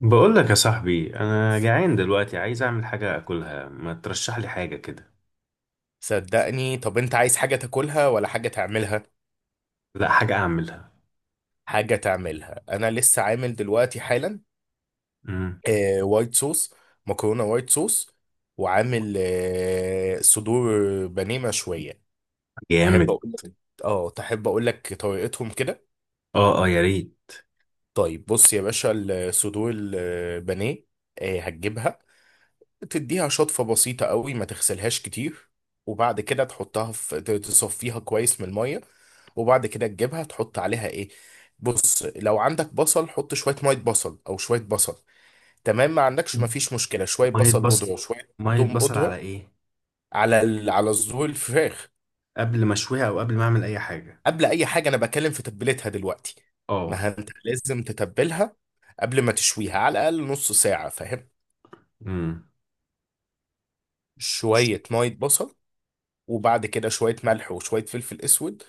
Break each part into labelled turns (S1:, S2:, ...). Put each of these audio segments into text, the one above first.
S1: بقول لك يا صاحبي، انا جعان دلوقتي عايز اعمل حاجه اكلها. ما ترشح لي حاجه كده؟
S2: صدقني. طب انت عايز حاجة تاكلها ولا حاجة تعملها؟
S1: لا، حاجه اعملها.
S2: حاجة تعملها، انا لسه عامل دلوقتي حالا
S1: امم.
S2: وايت صوص. مكرونة وايت صوص. وعامل صدور بانيه مشوية. تحب
S1: جامد.
S2: اقول لك؟ اه تحب اقول لك طريقتهم كده؟
S1: اه، اه، يا ريت.
S2: طيب بص يا باشا، الصدور البانيه هتجيبها، تديها شطفة بسيطة قوي، ما تغسلهاش كتير، وبعد كده تحطها في تصفيها كويس من المية. وبعد كده تجيبها تحط عليها ايه؟ بص، لو عندك بصل حط شوية مية بصل او شوية بصل، تمام. ما عندكش ما فيش مشكلة، شوية
S1: ميه
S2: بصل بودرة
S1: بصل.
S2: وشوية
S1: ميه
S2: توم
S1: بصل على
S2: بودرة
S1: ايه؟
S2: على على صدور الفراخ.
S1: قبل ما اشويها او قبل ما اعمل اي حاجه؟
S2: قبل اي حاجة انا بكلم في تتبيلتها دلوقتي.
S1: اه.
S2: ما انت لازم تتبلها قبل ما تشويها على الاقل نص ساعة، فاهم.
S1: امم.
S2: شوية مية بصل، وبعد كده شوية ملح وشوية فلفل اسود،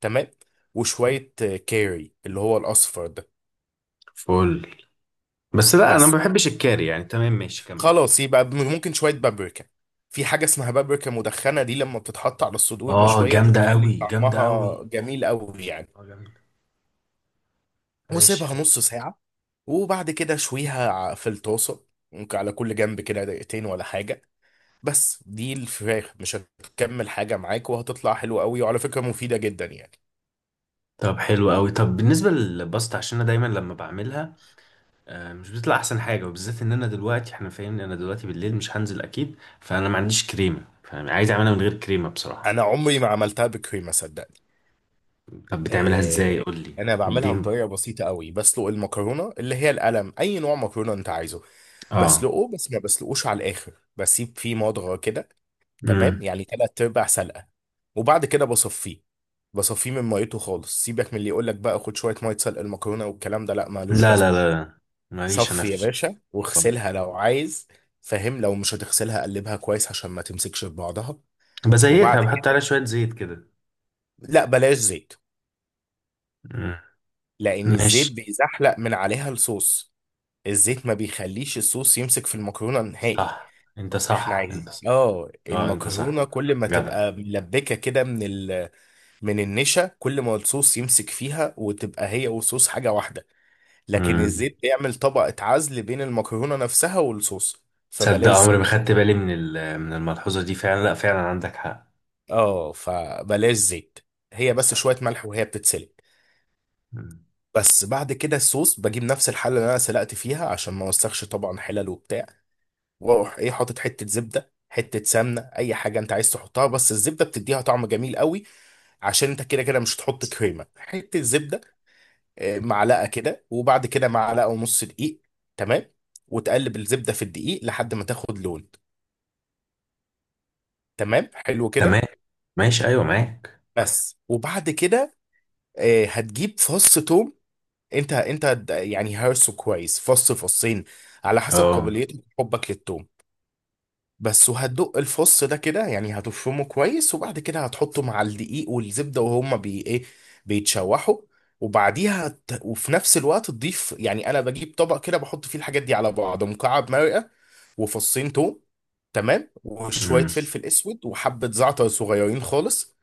S2: تمام، وشوية كاري اللي هو الأصفر ده.
S1: فل. بس لا، انا
S2: بس
S1: ما بحبش الكاري يعني. تمام، ماشي، كمل.
S2: خلاص، يبقى ممكن شوية بابريكا. في حاجة اسمها بابريكا مدخنة دي، لما بتتحط على الصدور
S1: اه،
S2: المشوية
S1: جامده
S2: بتخلي
S1: قوي، جامده قوي.
S2: طعمها جميل قوي يعني.
S1: اه، جامده. ماشي،
S2: وسيبها
S1: كمل.
S2: نص ساعة، وبعد كده شويها في الطاسة، ممكن على كل جنب كده دقيقتين ولا حاجة. بس دي الفراخ مش هتكمل حاجة معاك، وهتطلع حلوة قوي، وعلى فكرة مفيدة جدا يعني.
S1: طب حلو قوي. طب بالنسبه للباستا، عشان انا دايما لما بعملها مش بتطلع احسن حاجه، وبالذات ان انا دلوقتي، احنا فاهمني، انا دلوقتي بالليل مش هنزل اكيد، فانا ما عنديش كريمه، فعايز اعملها من غير كريمه بصراحه.
S2: أنا عمري ما عملتها بكريمة، صدقني.
S1: طب بتعملها ازاي؟
S2: آه،
S1: قول لي.
S2: انا بعملها
S1: اديني.
S2: بطريقه بسيطه قوي، بسلق المكرونه اللي هي القلم، اي نوع مكرونه انت عايزه،
S1: اه.
S2: بسلقه بس ما بسلقوش على الاخر، بسيب فيه مضغه كده، تمام،
S1: امم.
S2: يعني تلات ارباع سلقه. وبعد كده بصفيه، بصفيه من ميته خالص. سيبك من اللي يقول لك بقى خد شويه ميه سلق المكرونه والكلام ده، لا مالوش
S1: لا لا
S2: لازمه.
S1: لا لا. ماليش انا
S2: صفي
S1: في.
S2: يا باشا، واغسلها لو عايز، فاهم. لو مش هتغسلها قلبها كويس عشان ما تمسكش في بعضها. وبعد
S1: بزيتها، بحط عليها
S2: كده
S1: شويه زيت كده.
S2: لا، بلاش زيت،
S1: مم.
S2: لان الزيت
S1: ماشي.
S2: بيزحلق من عليها الصوص. الزيت ما بيخليش الصوص يمسك في المكرونة نهائي.
S1: صح، انت
S2: احنا
S1: صح، انت
S2: عايزين
S1: صح. اه، انت صح.
S2: المكرونة كل ما
S1: جدع.
S2: تبقى ملبكة كده من من النشا، كل ما الصوص يمسك فيها وتبقى هي والصوص حاجة واحدة. لكن
S1: امم.
S2: الزيت بيعمل طبقة عزل بين المكرونة نفسها والصوص،
S1: تصدق
S2: فبلاش
S1: عمري
S2: زيت.
S1: ما خدت بالي من الملحوظه دي؟ فعلا، لا فعلا عندك حق.
S2: اه فبلاش زيت. هي بس
S1: صح.
S2: شوية ملح وهي بتتسلق.
S1: مم.
S2: بس بعد كده الصوص، بجيب نفس الحلة اللي انا سلقت فيها عشان ما اوسخش طبعا حلل وبتاع، واروح ايه، حاطط حته زبده، حته سمنه، اي حاجه انت عايز تحطها، بس الزبده بتديها طعم جميل قوي. عشان انت كده كده مش هتحط كريمه، حته زبده، معلقه كده، وبعد كده معلقه ونص دقيق، تمام، وتقلب الزبده في الدقيق لحد ما تاخد لون، تمام، حلو
S1: تمام.
S2: كده.
S1: ماشي، ايوه، معاك.
S2: بس. وبعد كده هتجيب فص توم. انت يعني هرسه كويس، فص فصين على حسب
S1: اه.
S2: قابليتك وحبك للتوم، بس. وهتدق الفص ده كده يعني، هتفرمه كويس، وبعد كده هتحطه مع الدقيق والزبدة، وهما بي ايه، بيتشوحوا. وبعديها وفي نفس الوقت تضيف، يعني انا بجيب طبق كده بحط فيه الحاجات دي على بعض، مكعب مرقة وفصين توم، تمام،
S1: امم.
S2: وشوية فلفل اسود وحبة زعتر صغيرين خالص،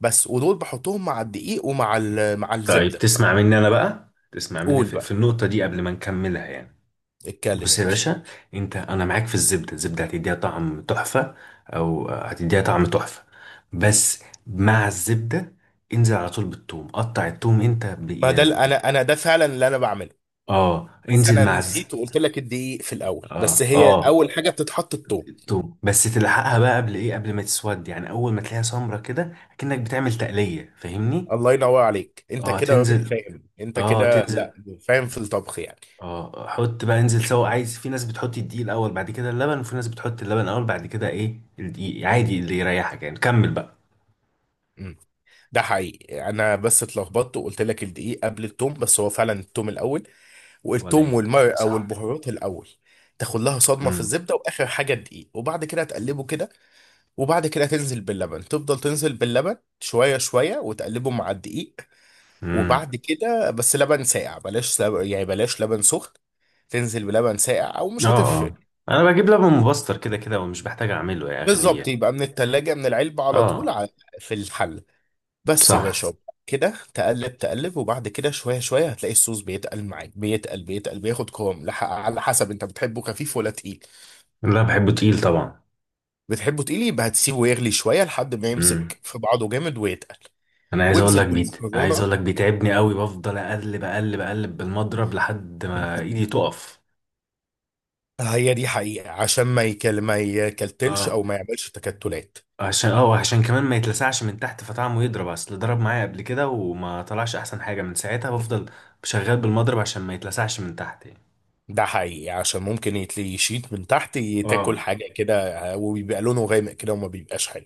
S2: بس. ودول بحطهم مع الدقيق ومع مع
S1: طيب
S2: الزبدة.
S1: تسمع مني انا بقى، تسمع مني
S2: قول
S1: في
S2: بقى،
S1: النقطه دي قبل ما نكملها يعني.
S2: اتكلم
S1: بص
S2: يا
S1: يا
S2: باشا.
S1: باشا، انت، انا معاك في الزبده. الزبده هتديها طعم تحفه، او هتديها طعم تحفه بس مع الزبده. انزل على طول بالثوم. قطع الثوم انت
S2: ما ده انا ده فعلا اللي انا بعمله،
S1: اه،
S2: بس
S1: انزل
S2: انا
S1: مع
S2: نسيت وقلت لك الدقيق في الاول،
S1: اه،
S2: بس هي
S1: اه.
S2: اول حاجه بتتحط التوم.
S1: الثوم بس تلحقها بقى، قبل ايه؟ قبل ما تسود، يعني اول ما تلاقيها سمرة كده كأنك بتعمل تقليه، فاهمني؟
S2: الله ينور عليك، انت
S1: اه،
S2: كده راجل
S1: تنزل.
S2: فاهم، انت
S1: اه،
S2: كده
S1: تنزل.
S2: لا فاهم في الطبخ يعني.
S1: اه، حط بقى، انزل سوا. عايز، في ناس بتحط الدقيق الاول بعد كده اللبن، وفي ناس بتحط اللبن الاول بعد كده ايه الدقيق،
S2: مم.
S1: عادي اللي يريحك يعني، كمل بقى.
S2: مم. ده حقيقي، انا بس اتلخبطت وقلت لك الدقيق قبل التوم، بس هو فعلا التوم الاول،
S1: ولا
S2: والتوم
S1: يهمك يا
S2: والمرق او
S1: صاحبي.
S2: البهارات الاول. تاخد لها صدمه في
S1: امم.
S2: الزبده، واخر حاجه الدقيق، وبعد كده تقلبه كده. وبعد كده تنزل باللبن، تفضل تنزل باللبن شويه شويه وتقلبه مع الدقيق.
S1: امم.
S2: وبعد كده بس لبن ساقع، بلاش لبن يعني بلاش لبن سخن. تنزل بلبن ساقع او
S1: اه.
S2: مش هتفرق.
S1: اه. انا بجيب لبن مبستر كده كده، ومش بحتاج اعمله يا
S2: بالظبط،
S1: اغليه.
S2: يبقى من التلاجة من العلبة على طول
S1: اه.
S2: في الحل. بس يا
S1: صح.
S2: باشا، كده تقلب وبعد كده شوية شوية هتلاقي الصوص بيتقل معاك، بيتقل بيتقل بياخد قوام على حسب انت بتحبه خفيف ولا تقيل.
S1: لا، بحبه تقيل طبعا.
S2: بتحبه تقيل، يبقى هتسيبه يغلي شوية لحد ما
S1: امم.
S2: يمسك في بعضه جامد ويتقل.
S1: انا عايز اقول
S2: وانزل
S1: لك بيت عايز
S2: بالمكرونة.
S1: اقول لك بيتعبني قوي، بفضل اقلب اقلب اقلب بالمضرب لحد ما ايدي تقف.
S2: هي دي حقيقة عشان ما ما يكلتلش
S1: اه.
S2: او ما يعملش تكتلات.
S1: عشان اه وعشان كمان ما يتلسعش من تحت، فطعمه يضرب، اصل ضرب معايا قبل كده وما طلعش احسن حاجه، من ساعتها بفضل شغال بالمضرب عشان ما يتلسعش من تحت يعني.
S2: ده حقيقي، عشان ممكن يتلي يشيط من تحت،
S1: اه،
S2: تاكل حاجة كده وبيبقى لونه غامق كده وما بيبقاش حلو.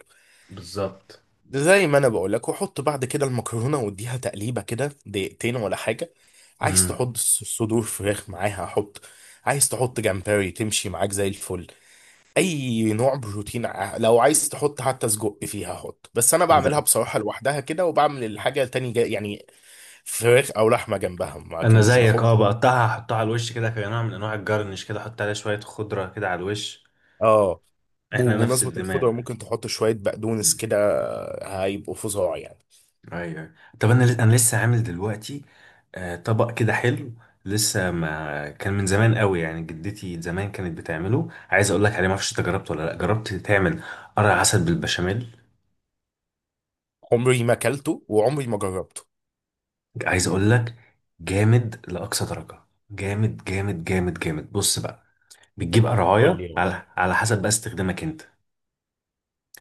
S1: بالظبط.
S2: زي ما انا بقول لك، وحط بعد كده المكرونة واديها تقليبة كده دقيقتين ولا حاجة. عايز
S1: امم.
S2: تحط صدور فراخ معاها حط، عايز تحط جمبري تمشي معاك زي الفل، اي نوع بروتين لو عايز تحط حتى سجق فيها حط، بس انا بعملها
S1: ده.
S2: بصراحة لوحدها كده، وبعمل الحاجة تاني جا يعني، فراخ او لحمة جنبها
S1: انا
S2: لكن مش
S1: زيك،
S2: بحط.
S1: بقطعها، احطها على الوش كده كنوع من انواع الجرنش، كده احط عليها شويه خضره كده على الوش.
S2: اه
S1: احنا نفس
S2: بمناسبة
S1: الدماغ.
S2: الخضرة، ممكن تحط شوية بقدونس كده. هيبقوا فظاع يعني.
S1: ايوه. طب انا لسه عامل دلوقتي طبق كده حلو، لسه ما كان من زمان قوي، يعني جدتي زمان كانت بتعمله. عايز اقول لك عليه، ما اعرفش انت جربته ولا لا، جربت تعمل قرع عسل بالبشاميل؟
S2: عمري ما اكلته وعمري ما جربته.
S1: عايز اقول لك. جامد لاقصى درجه. جامد جامد جامد جامد. بص بقى، بتجيب
S2: قول
S1: قرعايه
S2: لي، ماشي
S1: على حسب بقى استخدامك انت.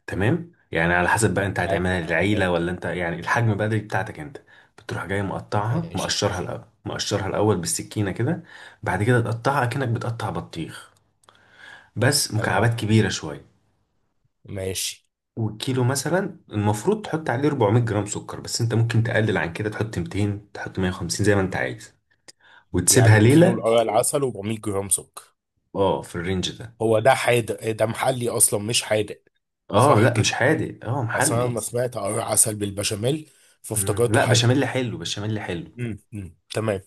S1: تمام يعني، على حسب بقى انت هتعملها
S2: معاك. تمام،
S1: للعيله ولا انت، يعني الحجم بقى دي بتاعتك انت. بتروح جاي مقطعها،
S2: ماشي.
S1: مقشرها الاول بالسكينه كده. بعد كده تقطعها اكنك بتقطع بطيخ، بس
S2: تمام،
S1: مكعبات كبيره شويه.
S2: ماشي،
S1: والكيلو مثلا المفروض تحط عليه 400 جرام سكر، بس انت ممكن تقلل عن كده، تحط 200، تحط 150، زي ما انت عايز. وتسيبها
S2: يعني كيلو
S1: ليله.
S2: القرع العسل و400 جرام سكر.
S1: اه، في الرينج ده.
S2: هو ده حادق ده محلي اصلا مش حادق؟
S1: اه،
S2: صح
S1: لا
S2: كده.
S1: مش حادق، اه
S2: اصل انا
S1: محلي.
S2: لما سمعت قرع عسل بالبشاميل
S1: مم.
S2: فافتكرته
S1: لا،
S2: حادق.
S1: بشاميل حلو، بشاميل حلو.
S2: امم، تمام.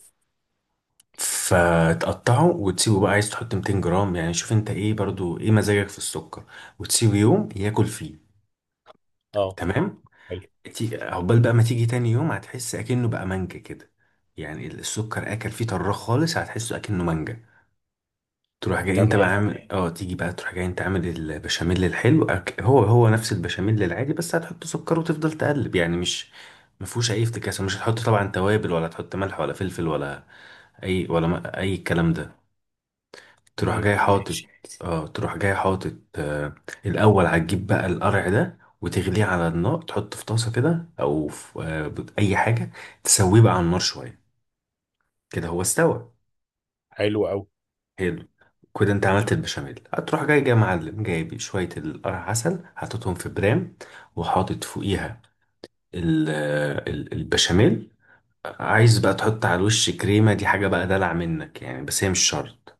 S1: فتقطعه وتسيبه بقى. عايز تحط 200 جرام يعني؟ شوف انت ايه برضو، ايه مزاجك في السكر. وتسيبه يوم ياكل فيه.
S2: اه
S1: تمام.
S2: حلو.
S1: عقبال بقى ما تيجي تاني يوم هتحس اكنه بقى مانجا كده. يعني السكر اكل فيه طراخ خالص، هتحسه اكنه مانجا. تروح جاي انت
S2: تمام.
S1: بقى عامل، تيجي بقى، تروح جاي انت عامل البشاميل الحلو. هو نفس البشاميل العادي، بس هتحط سكر وتفضل تقلب يعني، مش ما فيهوش اي افتكاسه. مش هتحط طبعا توابل، ولا تحط ملح ولا فلفل ولا اي، ولا اي الكلام ده. تروح
S2: امم،
S1: جاي حاطط.
S2: ماشي.
S1: اه، تروح جاي حاطط. الاول هتجيب بقى القرع ده وتغليه على النار، تحطه في طاسه كده او في اي حاجه، تسويه بقى على النار شويه، كده هو استوى.
S2: حلو قوي.
S1: حلو كده، انت عملت البشاميل. هتروح جاي معلم، جايب شويه القرع عسل حاططهم في برام، وحاطط فوقيها البشاميل. عايز بقى تحط على الوش كريمه، دي حاجه بقى دلع منك يعني، بس هي مش شرط.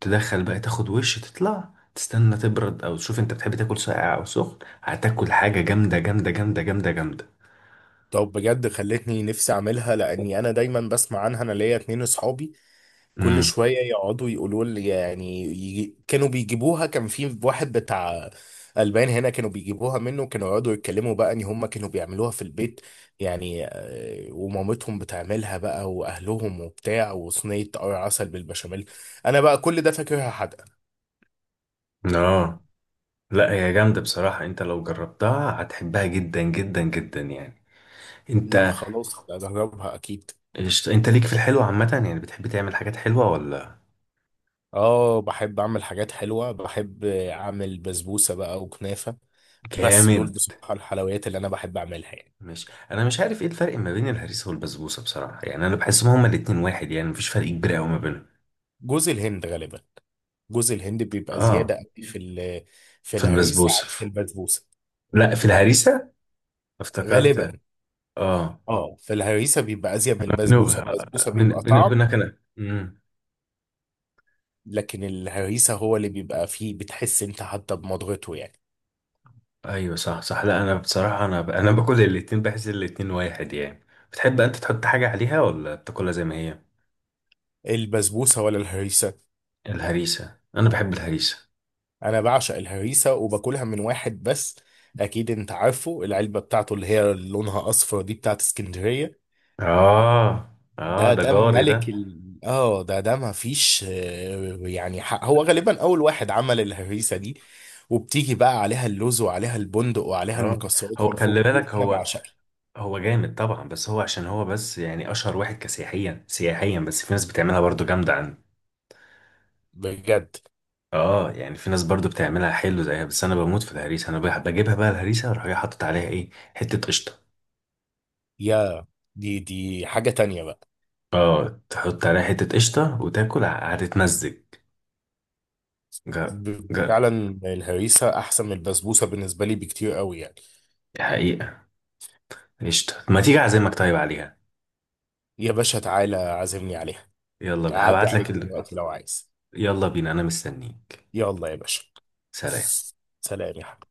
S1: تدخل بقى، تاخد وش تطلع، تستنى تبرد او تشوف انت بتحب تاكل ساقع او سخن. هتاكل حاجه جامده جامده جامده جامده جامده.
S2: طب بجد خلتني نفسي اعملها، لاني انا دايما بسمع عنها، انا ليا اتنين اصحابي كل
S1: امم.
S2: شويه يقعدوا يقولوا لي، يعني يجي كانوا بيجيبوها، كان في واحد بتاع البان هنا كانوا بيجيبوها منه، كانوا يقعدوا يتكلموا بقى ان هم كانوا بيعملوها في البيت يعني، ومامتهم بتعملها بقى، واهلهم وبتاع، وصينيه عسل بالبشاميل. انا بقى كل ده فاكرها حدقه.
S1: اه، لا هي جامده بصراحه، انت لو جربتها هتحبها جدا جدا جدا يعني.
S2: لا
S1: انت.
S2: خلاص، اجربها اكيد.
S1: انت ليك في الحلو عامه يعني، بتحب تعمل حاجات حلوه ولا؟
S2: اه بحب اعمل حاجات حلوه، بحب اعمل بسبوسه بقى وكنافه. بس دول
S1: جامد.
S2: بصراحه الحلويات اللي انا بحب اعملها يعني.
S1: مش انا مش عارف ايه الفرق ما بين الهريسه والبسبوسه بصراحه يعني، انا بحسهم هما الاتنين واحد يعني، مفيش فرق كبير قوي ما بينهم.
S2: جوز الهند غالبا، جوز الهند بيبقى زياده
S1: اه،
S2: قوي في في
S1: في
S2: الهريسه
S1: البسبوسه.
S2: عن البسبوسه،
S1: لا، في الهريسه.
S2: غالبا.
S1: افتكرت. اه.
S2: اه في الهريسه بيبقى ازيد من
S1: بيني
S2: البسبوسه، البسبوسه
S1: وبين-
S2: بيبقى
S1: بيني
S2: طعم،
S1: وبينك انا.
S2: لكن الهريسه هو اللي بيبقى فيه بتحس انت حتى بمضغته يعني.
S1: ايوه، صح، صح. لا، انا بصراحه انا باكل الاتنين، بحس الاتنين واحد يعني. بتحب انت تحط حاجه عليها ولا بتاكلها زي ما هي؟
S2: البسبوسه ولا الهريسه؟
S1: الهريسه. انا بحب الهريسه.
S2: انا بعشق الهريسه، وباكلها من واحد بس. اكيد انت عارفه العلبه بتاعته اللي هي لونها اصفر دي بتاعت اسكندريه.
S1: اه، اه،
S2: ده
S1: ده
S2: ده عارف
S1: جاري ده.
S2: ملك ده ما فيش يعني حق. هو غالبا اول واحد عمل الهريسه دي. وبتيجي بقى عليها اللوز وعليها البندق وعليها
S1: اه. هو
S2: المكسرات من فوق،
S1: خلي بالك،
S2: دي انا
S1: هو
S2: بعشقها
S1: هو جامد طبعا، بس هو عشان هو بس يعني اشهر واحد كسياحيا سياحيا، بس في ناس بتعملها برضو جامده عندي.
S2: بجد.
S1: اه، يعني في ناس برضو بتعملها حلو زيها، بس انا بموت في الهريسه. انا بجيبها بقى الهريسه واروح جاي حاطط عليها ايه؟ حته قشطه.
S2: يا، دي حاجه تانية بقى.
S1: اه، تحط عليها حتة قشطة وتاكل، هتتمزج. جا. جا.
S2: فعلا الهريسه احسن من البسبوسه بالنسبه لي بكتير قوي يعني.
S1: دي حقيقة. قشطة ما تيجي أعزمك طيب عليها.
S2: يا باشا تعالى عازمني عليها.
S1: يلا
S2: اعدي
S1: هبعت
S2: عليك
S1: لك.
S2: دلوقتي لو عايز.
S1: يلا بينا، أنا مستنيك.
S2: يلا يا باشا.
S1: سلام.
S2: سلام يا حبيبي.